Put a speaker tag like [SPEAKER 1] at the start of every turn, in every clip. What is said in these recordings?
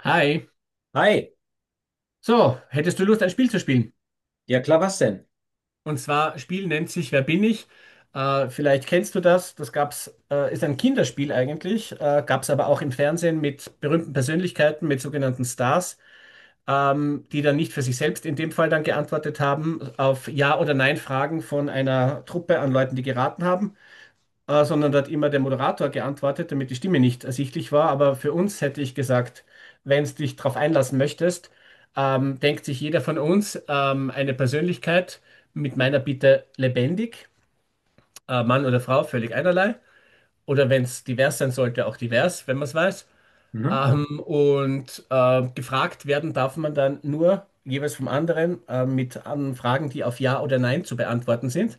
[SPEAKER 1] Hi.
[SPEAKER 2] Hi,
[SPEAKER 1] So, hättest du Lust, ein Spiel zu spielen?
[SPEAKER 2] ja klar, was denn?
[SPEAKER 1] Und zwar, Spiel nennt sich Wer bin ich? Vielleicht kennst du das. Das gab's, ist ein Kinderspiel eigentlich, gab's aber auch im Fernsehen mit berühmten Persönlichkeiten, mit sogenannten Stars, die dann nicht für sich selbst in dem Fall dann geantwortet haben auf Ja- oder Nein-Fragen von einer Truppe an Leuten, die geraten haben. Sondern da hat immer der Moderator geantwortet, damit die Stimme nicht ersichtlich war. Aber für uns hätte ich gesagt, wenn du dich darauf einlassen möchtest, denkt sich jeder von uns eine Persönlichkeit mit meiner Bitte lebendig, Mann oder Frau, völlig einerlei. Oder wenn es divers sein sollte, auch divers, wenn man es weiß.
[SPEAKER 2] Mhm.
[SPEAKER 1] Und gefragt werden darf man dann nur jeweils vom anderen mit an Fragen, die auf Ja oder Nein zu beantworten sind.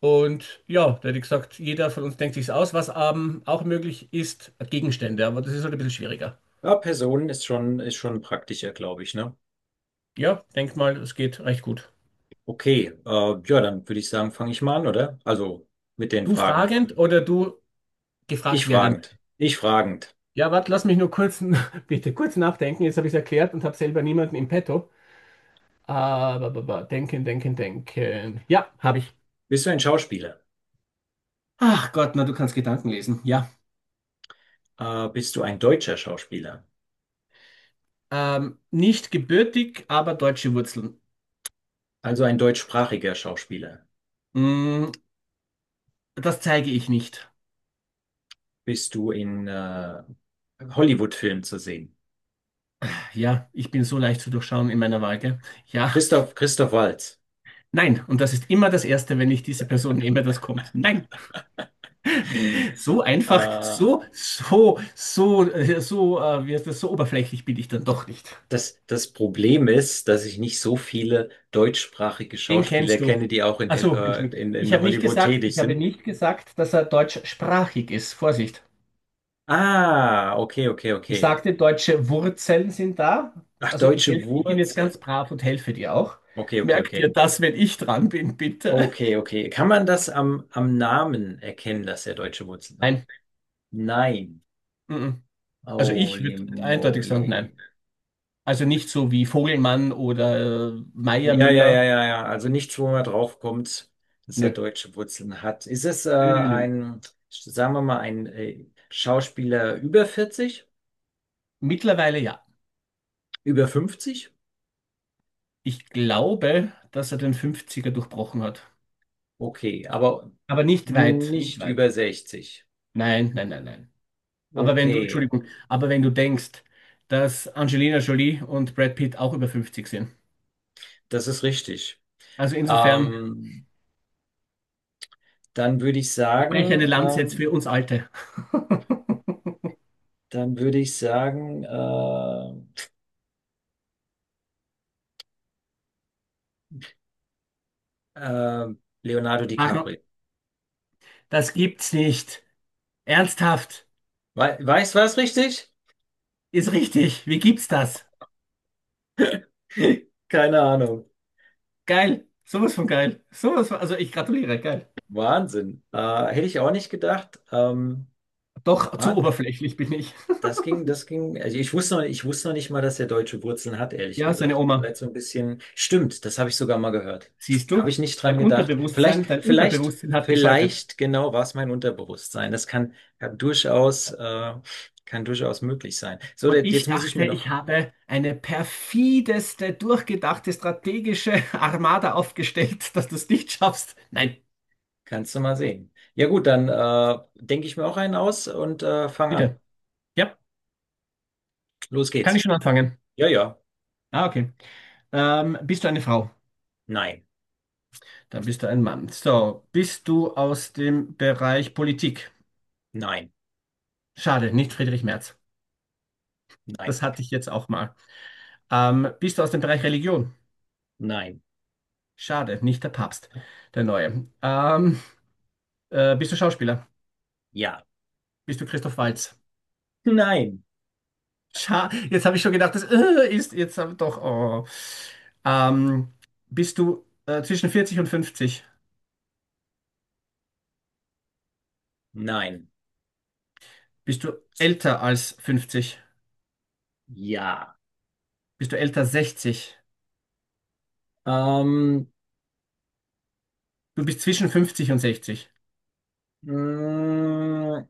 [SPEAKER 1] Und ja, da hätte ich gesagt, jeder von uns denkt sich's aus. Was auch möglich ist, Gegenstände, aber das ist halt ein bisschen schwieriger.
[SPEAKER 2] Ja, Personen ist schon praktischer, glaube ich, ne?
[SPEAKER 1] Ja, denk mal, es geht recht gut.
[SPEAKER 2] Okay, ja, dann würde ich sagen, fange ich mal an, oder? Also mit den
[SPEAKER 1] Du
[SPEAKER 2] Fragen.
[SPEAKER 1] fragend oder du
[SPEAKER 2] Ich
[SPEAKER 1] gefragt werden?
[SPEAKER 2] fragend, ich fragend.
[SPEAKER 1] Ja, warte, lass mich nur kurz, bitte kurz nachdenken. Jetzt habe ich es erklärt und habe selber niemanden im Petto. Aber, denken, denken, denken. Ja, habe ich.
[SPEAKER 2] Bist du ein Schauspieler?
[SPEAKER 1] Ach Gott, na, du kannst Gedanken lesen. Ja.
[SPEAKER 2] Bist du ein deutscher Schauspieler?
[SPEAKER 1] Nicht gebürtig, aber deutsche Wurzeln.
[SPEAKER 2] Also ein deutschsprachiger Schauspieler?
[SPEAKER 1] Mm, Das zeige ich nicht.
[SPEAKER 2] Bist du in Hollywood-Filmen zu sehen?
[SPEAKER 1] Ja, ich bin so leicht zu durchschauen in meiner Wahl, gell? Ja,
[SPEAKER 2] Christoph, Christoph Waltz.
[SPEAKER 1] nein. Und das ist immer das Erste, wenn ich diese Person nehme, das kommt. Nein. So einfach,
[SPEAKER 2] Äh,
[SPEAKER 1] so, wie heißt das, so oberflächlich bin ich dann doch nicht.
[SPEAKER 2] das Problem ist, dass ich nicht so viele deutschsprachige
[SPEAKER 1] Den
[SPEAKER 2] Schauspieler
[SPEAKER 1] kennst du.
[SPEAKER 2] kenne, die auch
[SPEAKER 1] Ach so, Entschuldigung. Ich
[SPEAKER 2] In
[SPEAKER 1] habe nicht
[SPEAKER 2] Hollywood
[SPEAKER 1] gesagt,
[SPEAKER 2] tätig
[SPEAKER 1] ich habe
[SPEAKER 2] sind.
[SPEAKER 1] nicht gesagt, dass er deutschsprachig ist. Vorsicht.
[SPEAKER 2] Ah, okay, okay,
[SPEAKER 1] Ich
[SPEAKER 2] okay.
[SPEAKER 1] sagte, deutsche Wurzeln sind da.
[SPEAKER 2] Ach,
[SPEAKER 1] Also
[SPEAKER 2] deutsche
[SPEAKER 1] ich bin jetzt
[SPEAKER 2] Wurzel.
[SPEAKER 1] ganz brav und helfe dir auch.
[SPEAKER 2] Okay, okay,
[SPEAKER 1] Merk dir
[SPEAKER 2] okay.
[SPEAKER 1] das, wenn ich dran bin, bitte.
[SPEAKER 2] Okay, okay. Kann man das am, am Namen erkennen, dass er deutsche Wurzeln hat?
[SPEAKER 1] Nein.
[SPEAKER 2] Nein.
[SPEAKER 1] Mm-mm. Also ich
[SPEAKER 2] Holy
[SPEAKER 1] würde eindeutig sagen, nein.
[SPEAKER 2] moly.
[SPEAKER 1] Also nicht so wie Vogelmann oder Meier
[SPEAKER 2] Ja, ja, ja,
[SPEAKER 1] Müller.
[SPEAKER 2] ja, ja. Also nichts, wo man draufkommt, dass er
[SPEAKER 1] Nö,
[SPEAKER 2] deutsche Wurzeln hat. Ist es
[SPEAKER 1] nö, nö, nö.
[SPEAKER 2] sagen wir mal, ein Schauspieler über 40?
[SPEAKER 1] Mittlerweile ja.
[SPEAKER 2] Über 50?
[SPEAKER 1] Ich glaube, dass er den Fünfziger durchbrochen hat.
[SPEAKER 2] Okay, aber
[SPEAKER 1] Aber nicht weit, nicht
[SPEAKER 2] nicht
[SPEAKER 1] weit.
[SPEAKER 2] über 60.
[SPEAKER 1] Nein, nein, nein, nein. Aber wenn du,
[SPEAKER 2] Okay,
[SPEAKER 1] Entschuldigung, aber wenn du denkst, dass Angelina Jolie und Brad Pitt auch über 50 sind.
[SPEAKER 2] das ist richtig.
[SPEAKER 1] Also insofern,
[SPEAKER 2] Ähm, dann würde ich
[SPEAKER 1] ich breche
[SPEAKER 2] sagen,
[SPEAKER 1] eine Lanze jetzt für uns Alte.
[SPEAKER 2] dann würde ich sagen, äh, äh, Leonardo
[SPEAKER 1] Marco,
[SPEAKER 2] DiCaprio.
[SPEAKER 1] das gibt's nicht. Ernsthaft.
[SPEAKER 2] We Weißt du was richtig?
[SPEAKER 1] Ist richtig. Wie gibt's das?
[SPEAKER 2] Keine Ahnung.
[SPEAKER 1] Geil. Sowas von geil. Sowas von, also ich gratuliere. Geil.
[SPEAKER 2] Wahnsinn. Hätte ich auch nicht gedacht.
[SPEAKER 1] Doch, zu
[SPEAKER 2] Wahnsinn.
[SPEAKER 1] oberflächlich bin ich.
[SPEAKER 2] Das ging, also ich wusste noch nicht mal, dass er deutsche Wurzeln hat, ehrlich
[SPEAKER 1] Ja, seine
[SPEAKER 2] gesagt. Das war
[SPEAKER 1] Oma.
[SPEAKER 2] jetzt so ein bisschen, stimmt, das habe ich sogar mal gehört.
[SPEAKER 1] Siehst
[SPEAKER 2] Habe
[SPEAKER 1] du?
[SPEAKER 2] ich nicht dran gedacht. Vielleicht,
[SPEAKER 1] Dein
[SPEAKER 2] vielleicht,
[SPEAKER 1] Unterbewusstsein hat geschaltet.
[SPEAKER 2] vielleicht genau war es mein Unterbewusstsein. Das kann durchaus, kann durchaus möglich sein. So,
[SPEAKER 1] Und
[SPEAKER 2] jetzt
[SPEAKER 1] ich
[SPEAKER 2] muss ich mir
[SPEAKER 1] dachte, ich
[SPEAKER 2] noch,
[SPEAKER 1] habe eine perfideste, durchgedachte, strategische Armada aufgestellt, dass du es nicht schaffst. Nein,
[SPEAKER 2] kannst du mal sehen. Ja gut, dann denke ich mir auch einen aus und fang an.
[SPEAKER 1] bitte. Ja,
[SPEAKER 2] Los
[SPEAKER 1] kann ich
[SPEAKER 2] geht's.
[SPEAKER 1] schon anfangen.
[SPEAKER 2] Ja, ja.
[SPEAKER 1] Ah, okay. Bist du eine Frau?
[SPEAKER 2] Nein,
[SPEAKER 1] Dann bist du ein Mann. So, bist du aus dem Bereich Politik?
[SPEAKER 2] nein,
[SPEAKER 1] Schade, nicht Friedrich Merz.
[SPEAKER 2] nein,
[SPEAKER 1] Das hatte ich jetzt auch mal. Bist du aus dem Bereich Religion?
[SPEAKER 2] nein,
[SPEAKER 1] Schade, nicht der Papst, der Neue. Bist du Schauspieler?
[SPEAKER 2] ja.
[SPEAKER 1] Bist du Christoph Waltz?
[SPEAKER 2] Nein,
[SPEAKER 1] Scha Jetzt habe ich schon gedacht, das ist jetzt aber doch. Oh. Ähm, Bist du zwischen 40 und 50?
[SPEAKER 2] nein,
[SPEAKER 1] Bist du älter als 50?
[SPEAKER 2] ja.
[SPEAKER 1] Bist du älter als 60?
[SPEAKER 2] Ähm,
[SPEAKER 1] Du bist zwischen 50 und 60.
[SPEAKER 2] Mm,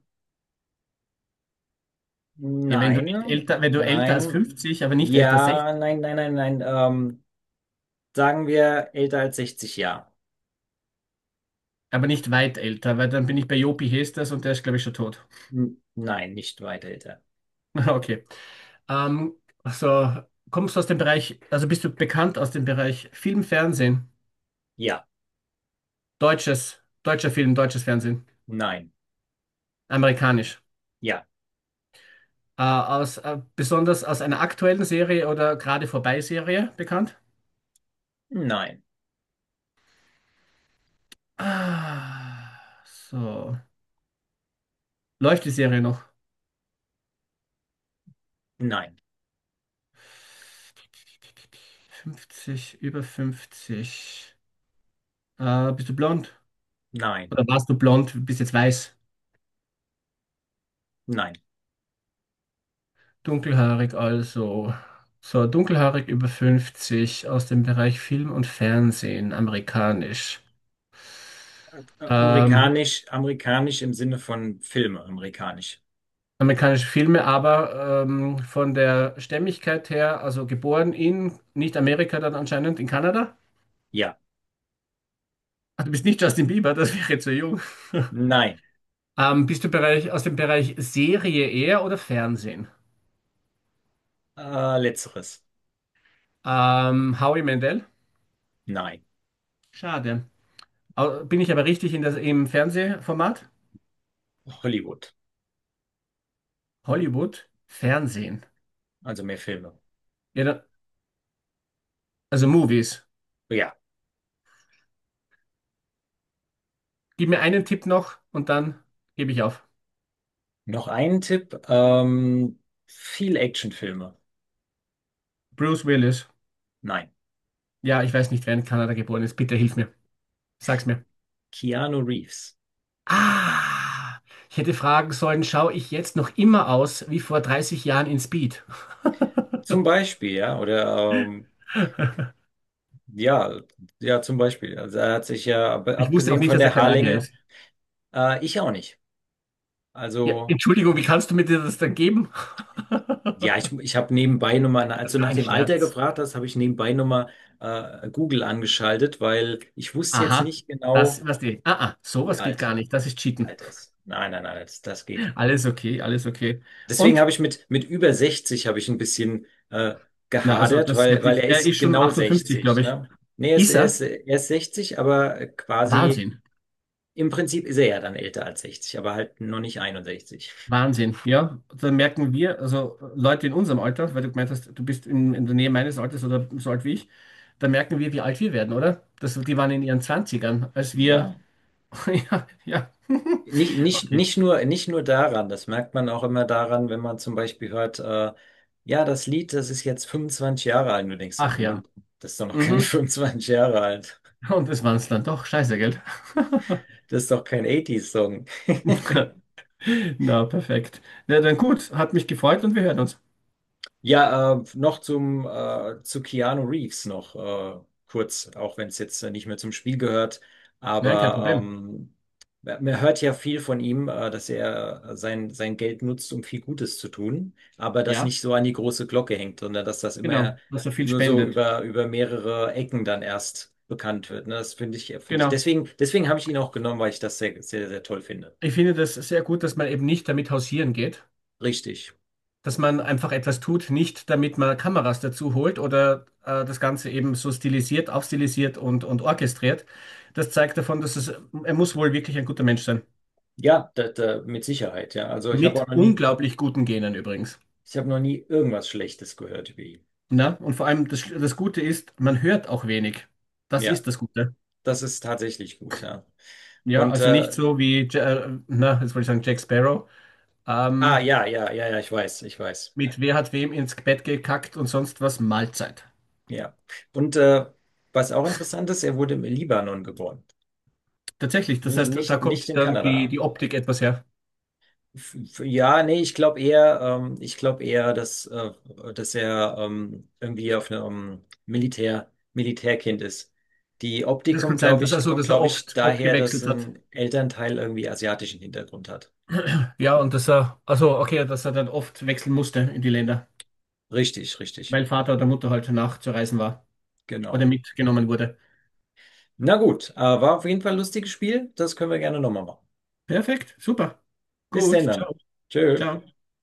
[SPEAKER 1] Ja,
[SPEAKER 2] nein,
[SPEAKER 1] wenn du älter als
[SPEAKER 2] nein,
[SPEAKER 1] 50, aber nicht älter als 60,
[SPEAKER 2] ja, nein, nein, nein, nein. Sagen wir älter als 60 Jahre.
[SPEAKER 1] aber nicht weit älter, weil dann bin ich bei Jopi Hestas und der ist, glaube ich, schon tot.
[SPEAKER 2] Nein, nicht weit älter.
[SPEAKER 1] Okay. Ähm, also kommst du aus dem Bereich, also bist du bekannt aus dem Bereich Film, Fernsehen,
[SPEAKER 2] Ja,
[SPEAKER 1] deutscher Film, deutsches Fernsehen,
[SPEAKER 2] nein,
[SPEAKER 1] amerikanisch.
[SPEAKER 2] ja,
[SPEAKER 1] Besonders aus einer aktuellen Serie oder gerade vorbei Serie bekannt?
[SPEAKER 2] nein,
[SPEAKER 1] Ah, so. Läuft die Serie noch?
[SPEAKER 2] nein,
[SPEAKER 1] 50, über 50. Bist du blond?
[SPEAKER 2] nein,
[SPEAKER 1] Oder warst du blond, bist jetzt weiß?
[SPEAKER 2] nein.
[SPEAKER 1] Dunkelhaarig also. So, dunkelhaarig über 50 aus dem Bereich Film und Fernsehen, amerikanisch.
[SPEAKER 2] Ä- ä-
[SPEAKER 1] Ähm,
[SPEAKER 2] Amerikanisch, amerikanisch im Sinne von Filme, amerikanisch.
[SPEAKER 1] Amerikanische Filme, aber von der Stämmigkeit her, also geboren in, nicht Amerika, dann anscheinend in Kanada.
[SPEAKER 2] Ja,
[SPEAKER 1] Ah, du bist nicht Justin Bieber, das wäre zu jung.
[SPEAKER 2] nein.
[SPEAKER 1] Bist du aus dem Bereich Serie eher oder Fernsehen?
[SPEAKER 2] Letzteres.
[SPEAKER 1] Howie Mandel?
[SPEAKER 2] Nein.
[SPEAKER 1] Schade. Bin ich aber richtig im Fernsehformat?
[SPEAKER 2] Hollywood.
[SPEAKER 1] Hollywood? Fernsehen.
[SPEAKER 2] Also mehr Filme.
[SPEAKER 1] Ja, dann, also Movies.
[SPEAKER 2] Ja.
[SPEAKER 1] Gib mir einen Tipp noch und dann gebe ich auf.
[SPEAKER 2] Noch einen Tipp. Viel Actionfilme.
[SPEAKER 1] Bruce Willis.
[SPEAKER 2] Nein.
[SPEAKER 1] Ja, ich weiß nicht, wer in Kanada geboren ist. Bitte hilf mir. Sag's mir.
[SPEAKER 2] Keanu Reeves.
[SPEAKER 1] Ah, ich hätte fragen sollen, schaue ich jetzt noch immer aus wie vor 30 Jahren in Speed?
[SPEAKER 2] Zum Beispiel, ja, oder ja, ja, zum Beispiel. Also er hat sich ja,
[SPEAKER 1] Ich wusste auch
[SPEAKER 2] abgesehen
[SPEAKER 1] nicht,
[SPEAKER 2] von
[SPEAKER 1] dass er
[SPEAKER 2] der
[SPEAKER 1] Kanadier
[SPEAKER 2] Haarlänge,
[SPEAKER 1] ist.
[SPEAKER 2] ich auch nicht.
[SPEAKER 1] Ja,
[SPEAKER 2] Also,
[SPEAKER 1] Entschuldigung, wie kannst du mir dir das dann geben?
[SPEAKER 2] ja, ich, ich habe nebenbei nochmal, als
[SPEAKER 1] Das
[SPEAKER 2] du
[SPEAKER 1] war
[SPEAKER 2] nach
[SPEAKER 1] ein
[SPEAKER 2] dem Alter
[SPEAKER 1] Scherz.
[SPEAKER 2] gefragt hast, habe ich nebenbei nochmal Google angeschaltet, weil ich wusste jetzt
[SPEAKER 1] Aha,
[SPEAKER 2] nicht genau,
[SPEAKER 1] das, was die, ah, ah,
[SPEAKER 2] wie
[SPEAKER 1] sowas geht gar
[SPEAKER 2] alt,
[SPEAKER 1] nicht. Das ist
[SPEAKER 2] wie
[SPEAKER 1] Cheaten.
[SPEAKER 2] alt er ist. Nein, nein, nein, das geht.
[SPEAKER 1] Alles okay, alles okay.
[SPEAKER 2] Deswegen
[SPEAKER 1] Und?
[SPEAKER 2] habe ich mit über 60 habe ich ein bisschen
[SPEAKER 1] Na, also
[SPEAKER 2] gehadert,
[SPEAKER 1] das hätte
[SPEAKER 2] weil
[SPEAKER 1] ich,
[SPEAKER 2] er
[SPEAKER 1] er
[SPEAKER 2] ist
[SPEAKER 1] ist schon
[SPEAKER 2] genau
[SPEAKER 1] 58,
[SPEAKER 2] 60,
[SPEAKER 1] glaube ich.
[SPEAKER 2] ne? Nee,
[SPEAKER 1] Ist er?
[SPEAKER 2] er ist 60, aber quasi
[SPEAKER 1] Wahnsinn,
[SPEAKER 2] im Prinzip ist er ja dann älter als 60, aber halt noch nicht 61.
[SPEAKER 1] Wahnsinn, ja. Da merken wir, also Leute in unserem Alter, weil du gemeint hast, du bist in der Nähe meines Alters oder so alt wie ich, da merken wir, wie alt wir werden, oder? Die waren in ihren 20ern, als wir.
[SPEAKER 2] Ja.
[SPEAKER 1] Ja, ja. Okay.
[SPEAKER 2] Nicht nur daran, das merkt man auch immer daran, wenn man zum Beispiel hört, ja, das Lied, das ist jetzt 25 Jahre alt. Und du denkst so,
[SPEAKER 1] Ach ja.
[SPEAKER 2] Moment, das ist doch noch keine
[SPEAKER 1] Mhm.
[SPEAKER 2] 25 Jahre alt.
[SPEAKER 1] Und das waren es dann doch. Scheiße, gell?
[SPEAKER 2] Das ist doch kein 80s-Song.
[SPEAKER 1] Na, perfekt. Na dann gut, hat mich gefreut und wir hören uns.
[SPEAKER 2] Ja, zu Keanu Reeves noch kurz, auch wenn es jetzt nicht mehr zum Spiel gehört.
[SPEAKER 1] Nein, kein
[SPEAKER 2] Aber
[SPEAKER 1] Problem.
[SPEAKER 2] man hört ja viel von ihm, dass er sein Geld nutzt, um viel Gutes zu tun, aber das
[SPEAKER 1] Ja,
[SPEAKER 2] nicht so an die große Glocke hängt, sondern dass das immer
[SPEAKER 1] genau, dass er viel
[SPEAKER 2] nur so
[SPEAKER 1] spendet.
[SPEAKER 2] über mehrere Ecken dann erst bekannt wird. Ne? Finde ich.
[SPEAKER 1] Genau.
[SPEAKER 2] Deswegen, deswegen habe ich ihn auch genommen, weil ich das sehr, sehr, sehr toll finde.
[SPEAKER 1] Ich finde das sehr gut, dass man eben nicht damit hausieren geht,
[SPEAKER 2] Richtig.
[SPEAKER 1] dass man einfach etwas tut, nicht damit man Kameras dazu holt oder das Ganze eben so stilisiert, aufstilisiert und orchestriert. Das zeigt davon, dass es, er muss wohl wirklich ein guter Mensch sein.
[SPEAKER 2] Ja, da, da, mit Sicherheit, ja. Also ich habe auch
[SPEAKER 1] Mit
[SPEAKER 2] noch nie.
[SPEAKER 1] unglaublich guten Genen übrigens.
[SPEAKER 2] Ich habe noch nie irgendwas Schlechtes gehört über ihn.
[SPEAKER 1] Na? Und vor allem das Gute ist, man hört auch wenig. Das
[SPEAKER 2] Ja,
[SPEAKER 1] ist das Gute.
[SPEAKER 2] das ist tatsächlich gut, ja.
[SPEAKER 1] Ja,
[SPEAKER 2] Und
[SPEAKER 1] also nicht so wie, na, jetzt wollte ich sagen, Jack Sparrow,
[SPEAKER 2] ah
[SPEAKER 1] ähm,
[SPEAKER 2] ja, ja, ja, ja, ich weiß, ich weiß.
[SPEAKER 1] mit wer hat wem ins Bett gekackt und sonst was, Mahlzeit.
[SPEAKER 2] Ja. Und was auch interessant ist, er wurde im Libanon geboren.
[SPEAKER 1] Tatsächlich, das heißt, da
[SPEAKER 2] Nicht,
[SPEAKER 1] kommt
[SPEAKER 2] nicht in
[SPEAKER 1] dann die,
[SPEAKER 2] Kanada.
[SPEAKER 1] die Optik etwas her.
[SPEAKER 2] Ja, nee, ich glaube eher, dass er irgendwie auf einem Militärkind ist. Die Optik
[SPEAKER 1] Das kann
[SPEAKER 2] kommt,
[SPEAKER 1] sein,
[SPEAKER 2] glaube ich,
[SPEAKER 1] dass er oft, oft
[SPEAKER 2] daher, dass
[SPEAKER 1] gewechselt hat.
[SPEAKER 2] ein Elternteil irgendwie asiatischen Hintergrund hat.
[SPEAKER 1] Ja, und dass er, also okay, dass er dann oft wechseln musste in die Länder,
[SPEAKER 2] Richtig, richtig.
[SPEAKER 1] weil Vater oder Mutter halt nachzureisen war oder
[SPEAKER 2] Genau.
[SPEAKER 1] mitgenommen wurde.
[SPEAKER 2] Na gut, war auf jeden Fall ein lustiges Spiel. Das können wir gerne nochmal machen.
[SPEAKER 1] Perfekt, super.
[SPEAKER 2] Bis denn
[SPEAKER 1] Gut,
[SPEAKER 2] dann.
[SPEAKER 1] ciao,
[SPEAKER 2] Tschö.
[SPEAKER 1] ciao.